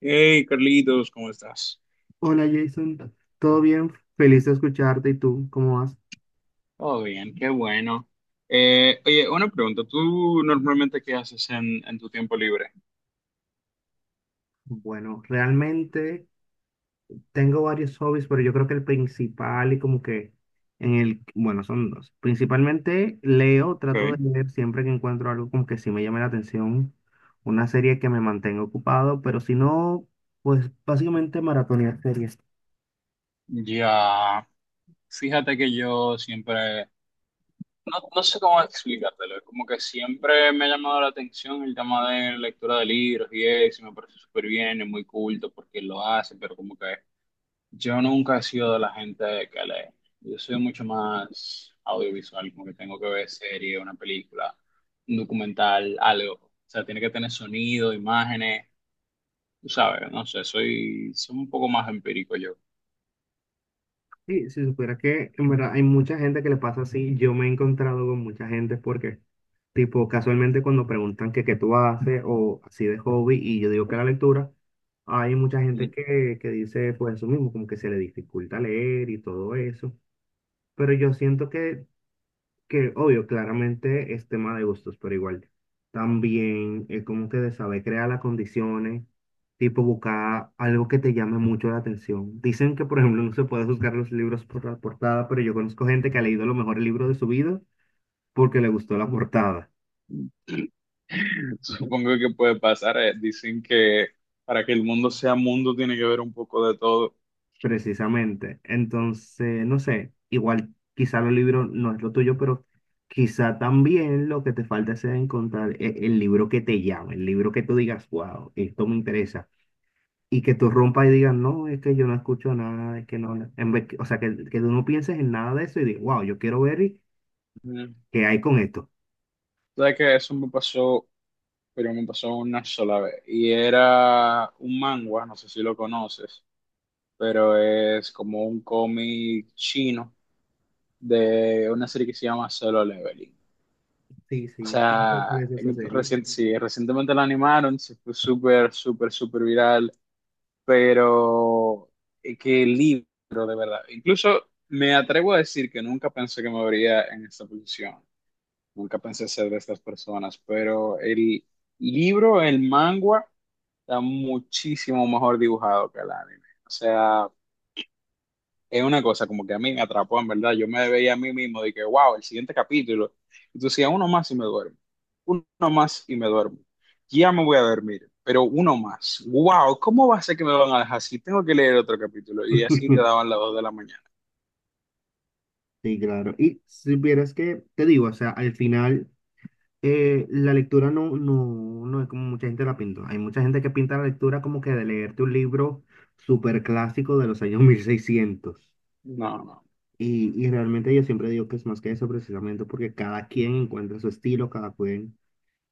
Hey, Carlitos, ¿cómo estás? Hola Jason, ¿todo bien? Feliz de escucharte. ¿Y tú? ¿Cómo vas? Todo bien, qué bueno. Oye, una pregunta. ¿Tú normalmente qué haces en tu tiempo libre? Bueno, realmente tengo varios hobbies, pero yo creo que el principal y como que bueno, son dos. Principalmente leo, trato de Ok. leer siempre que encuentro algo como que sí me llame la atención, una serie que me mantenga ocupado, pero si no, pues básicamente maratonear series. Ya, fíjate que yo siempre, no, no sé cómo explicártelo, es como que siempre me ha llamado la atención el tema de lectura de libros y eso, y me parece súper bien, es muy culto porque lo hace, pero como que. Yo nunca he sido de la gente que lee. Yo soy mucho más audiovisual, como que tengo que ver serie, una película, un documental, algo. O sea, tiene que tener sonido, imágenes, tú sabes, no sé, soy un poco más empírico yo. Sí, si supiera que en verdad hay mucha gente que le pasa así, yo me he encontrado con mucha gente porque tipo, casualmente cuando preguntan que qué tú haces o así de hobby y yo digo que la lectura, hay mucha gente que dice pues eso mismo, como que se le dificulta leer y todo eso. Pero yo siento que obvio, claramente es tema de gustos, pero igual también es como que de saber crear las condiciones, tipo buscar algo que te llame mucho la atención. Dicen que, por ejemplo, no se puede juzgar los libros por la portada, pero yo conozco gente que ha leído a lo mejor el libro de su vida porque le gustó la portada. Supongo que puede pasar. Dicen que para que el mundo sea mundo tiene que ver un poco de todo. Precisamente. Entonces, no sé, igual quizá los libros no es lo tuyo, pero quizá también lo que te falta es encontrar el libro que te llame, el libro que tú digas, wow, esto me interesa. Y que tú rompas y digas, no, es que yo no escucho nada, es que no, no". O sea, que tú no pienses en nada de eso y digas, wow, yo quiero ver Ujú. qué hay con esto. ¿Sabes que eso me pasó, pero me pasó una sola vez? Y era un manga, no sé si lo conoces. Pero es como un cómic chino de una serie que se llama Solo Leveling. Sí, O sí, sí, sí, sí, sea, esa serie. Sí, recientemente la animaron, se fue súper, súper, súper viral, pero qué libro, de verdad. Incluso me atrevo a decir que nunca pensé que me vería en esta posición, nunca pensé ser de estas personas, pero el libro, el manga, está muchísimo mejor dibujado que el anime. O sea, es una cosa como que a mí me atrapó, en verdad. Yo me veía a mí mismo de que, wow, el siguiente capítulo. Entonces decía, uno más y me duermo. Uno más y me duermo. Ya me voy a dormir, pero uno más. Wow, ¿cómo va a ser que me van a dejar así? Tengo que leer otro capítulo. Y así te daban las 2 de la mañana. Sí, claro. Y si vieras que, te digo, o sea, al final, la lectura no, no, no es como mucha gente la pinta. Hay mucha gente que pinta la lectura como que de leerte un libro súper clásico de los años 1600. No, no. Y realmente yo siempre digo que es más que eso precisamente porque cada quien encuentra su estilo, cada quien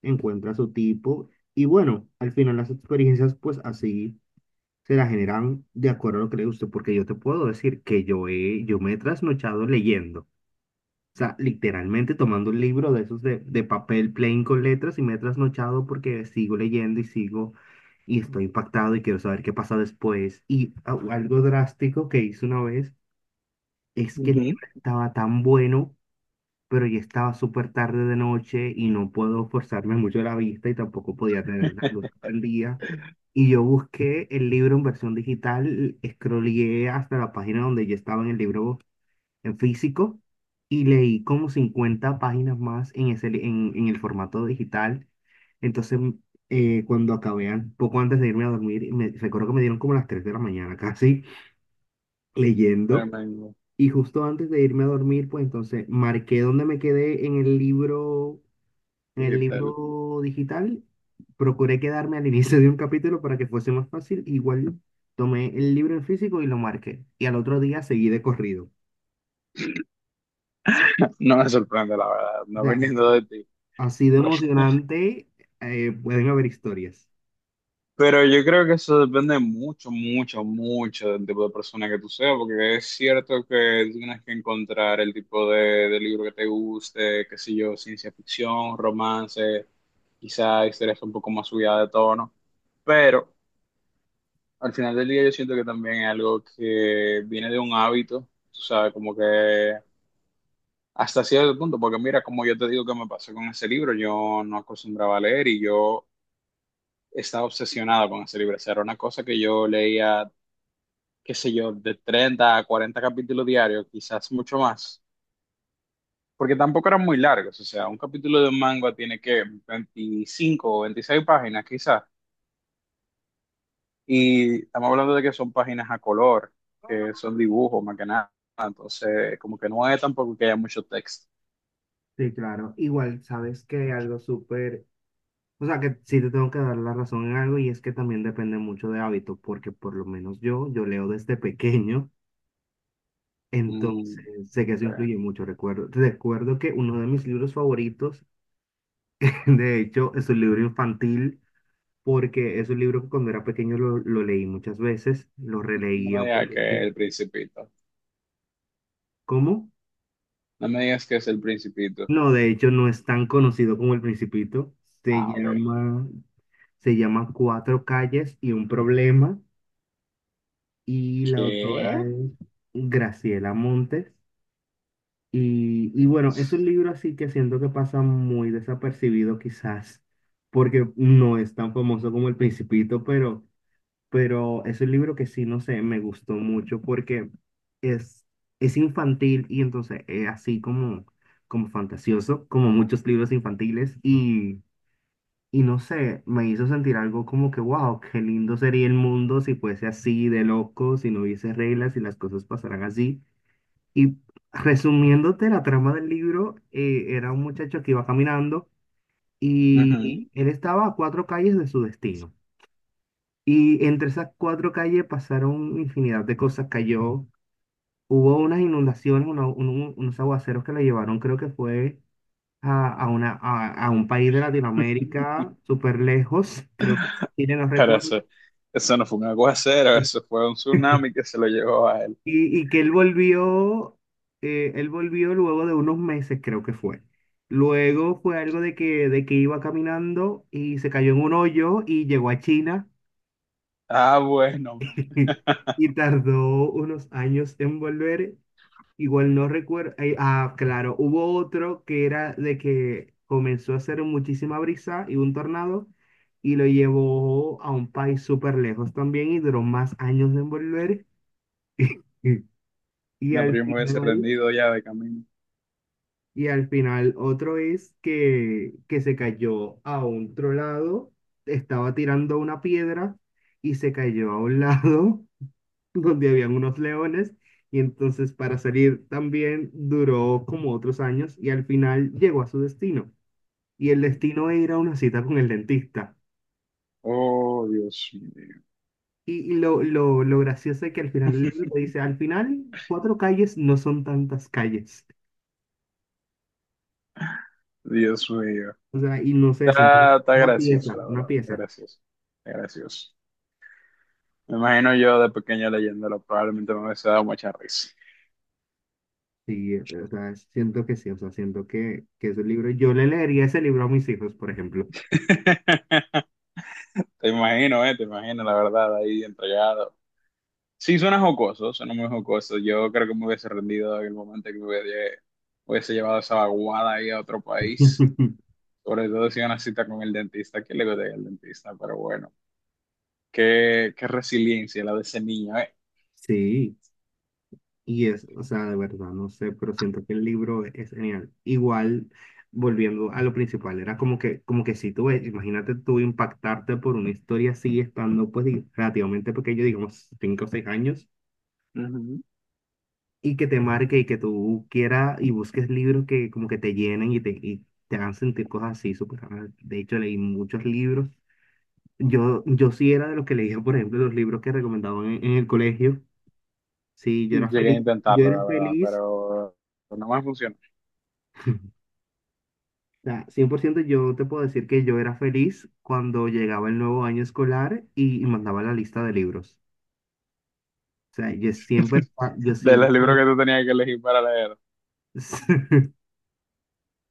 encuentra su tipo. Y bueno, al final las experiencias pues así se las generan de acuerdo a lo que le guste, porque yo te puedo decir que yo me he trasnochado leyendo. O sea, literalmente tomando un libro de esos de papel plain con letras y me he trasnochado porque sigo leyendo y sigo y estoy impactado y quiero saber qué pasa después. Y algo drástico que hice una vez es que el Ujú. libro estaba tan bueno, pero ya estaba súper tarde de noche y no puedo forzarme mucho la vista y tampoco podía tener la luz prendida. Y yo busqué el libro en versión digital, scrolleé hasta la página donde yo estaba en el libro en físico y leí como 50 páginas más en, ese, li- en el formato digital. Entonces, cuando acabé, poco antes de irme a dormir, recuerdo que me dieron como las 3 de la mañana casi leyendo. Bueno, Y justo antes de irme a dormir, pues entonces marqué dónde me quedé en ¿qué el tal? libro digital. Procuré quedarme al inicio de un capítulo para que fuese más fácil. Igual tomé el libro en físico y lo marqué. Y al otro día seguí de corrido. No me sorprende, la verdad, no Ya. viniendo de ti. Así de emocionante, pueden haber historias. Pero yo creo que eso depende mucho, mucho, mucho del tipo de persona que tú seas, porque es cierto que tú tienes que encontrar el tipo de libro que te guste, qué sé yo, ciencia ficción, romance, quizá historias un poco más subidas de tono, pero al final del día yo siento que también es algo que viene de un hábito, tú sabes, como que hasta cierto punto, porque mira, como yo te digo que me pasó con ese libro, yo no acostumbraba a leer y yo estaba obsesionado con ese libro. O sea, era una cosa que yo leía, qué sé yo, de 30 a 40 capítulos diarios, quizás mucho más, porque tampoco eran muy largos. O sea, un capítulo de un manga tiene que 25 o 26 páginas quizás, y estamos hablando de que son páginas a color, que son dibujos más que nada, entonces como que no es tampoco que haya mucho texto. Sí, claro. Igual, sabes que algo súper, o sea, que sí te tengo que dar la razón en algo y es que también depende mucho de hábitos, porque por lo menos yo, yo leo desde pequeño, Mm, entonces sé que ok. eso influye mucho. Recuerdo que uno de mis libros favoritos, de hecho, es un libro infantil, porque es un libro que cuando era pequeño lo leí muchas veces, lo No releía, me digas porque, que es el Principito, ¿cómo? no me digas que es el Principito. No, de hecho no es tan conocido como El Principito. Se Ah, ok. llama, se llama Cuatro calles y un problema. Y la autora ¿Qué? es Graciela Montes. Y bueno, es un libro así que siento que pasa muy desapercibido quizás, porque no es tan famoso como El Principito, pero es un libro que sí, no sé, me gustó mucho porque es, es infantil y entonces es así como, como fantasioso, como muchos libros infantiles y no sé, me hizo sentir algo como que, wow, qué lindo sería el mundo si fuese así de loco, si no hubiese reglas y las cosas pasaran así. Y resumiéndote la trama del libro, era un muchacho que iba caminando Ujú. y él estaba a cuatro calles de su destino. Y entre esas cuatro calles pasaron infinidad de cosas. Cayó, hubo unas inundaciones, unos aguaceros que la llevaron, creo que fue a un país de Latinoamérica súper lejos, creo que fue Chile, no Pero eso, recuerdo. eso no fue un aguacero, eso fue un tsunami que se lo llevó a él. Y que él volvió luego de unos meses, creo que fue. Luego fue algo de que iba caminando y se cayó en un hoyo y llegó a China Ah, bueno. y tardó unos años en volver. Igual no recuerdo. Ah, claro, hubo otro que era de que comenzó a hacer muchísima brisa y un tornado y lo llevó a un país súper lejos también y duró más años de volver. Mm. Y No, al pero yo me hubiese final, rendido ya de camino. y al final otro es que se cayó a otro lado, estaba tirando una piedra y se cayó a un lado donde habían unos leones y entonces para salir también duró como otros años y al final llegó a su destino. Y el destino era una cita con el dentista. Oh, Dios mío. Y lo gracioso es que al final el libro dice, al final cuatro calles no son tantas calles. Dios mío. O sea, y no sé, siento Está, está una gracioso, pieza, la una verdad. Está pieza. gracioso. Está gracioso. Me imagino yo de pequeño leyéndolo, probablemente me hubiese dado mucha risa. Sí, o sea, siento que sí, o sea, siento que ese libro, yo le leería ese libro a mis hijos, por ejemplo. Te imagino, la verdad, ahí entregado. Sí, suena jocoso, suena muy jocoso. Yo creo que me hubiese rendido en el momento que me hubiese llevado esa vaguada ahí a otro país. Sobre todo si una cita con el dentista, que le gustaría el dentista, pero bueno, qué, qué resiliencia la de ese niño, ¿eh? Sí. Y es, o sea, de verdad, no sé, pero siento que el libro es genial. Igual, volviendo a lo principal, era como que si tú, ves, imagínate tú impactarte por una historia así, estando pues relativamente pequeño, digamos, 5 o 6 años, Ujú. y que te marque y que tú quieras y busques libros que como que te llenen y y te hagan sentir cosas así, súper raras. De hecho, leí muchos libros. Yo sí era de los que leía, por ejemplo, los libros que recomendaban en el colegio. Sí, yo era Llegué a feliz, yo intentarlo, era la verdad, feliz. pero no me funcionó. Sea, 100% yo te puedo decir que yo era feliz cuando llegaba el nuevo año escolar y mandaba la lista de libros. O sea, yo siempre, yo De siempre, los o libros que tú tenías que elegir para leer.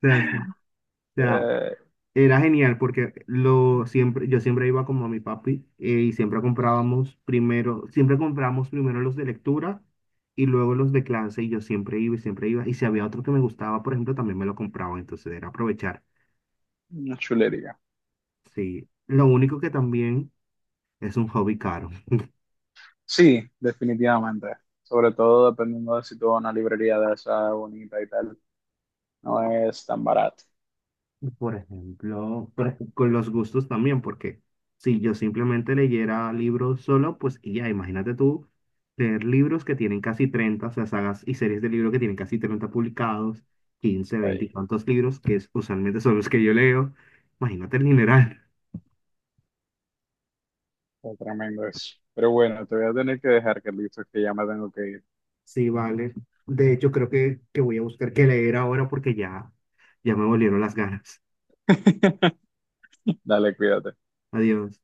sea, sí, o sea, Eh, era genial porque yo siempre iba como a mi papi, y siempre comprábamos primero los de lectura y luego los de clase y yo siempre iba. Y si había otro que me gustaba, por ejemplo, también me lo compraba, entonces era aprovechar. una chulería. Sí, lo único que también es un hobby caro. Sí, definitivamente. Sobre todo dependiendo de si tú vas a una librería de esa bonita y tal. No es tan barato. Por ejemplo, con los gustos también, porque si yo simplemente leyera libros solo, pues y ya, imagínate tú leer libros que tienen casi 30, o sea, sagas y series de libros que tienen casi 30 publicados, 15, 20 y Ahí, tantos libros, que es, usualmente son los que yo leo. Imagínate el dineral. está tremendo eso. Pero bueno, te voy a tener que dejar, Carlitos, que ya me tengo que ir. Sí, vale. De hecho, creo que voy a buscar qué leer ahora porque ya, ya me volvieron las ganas. Dale, cuídate. Adiós.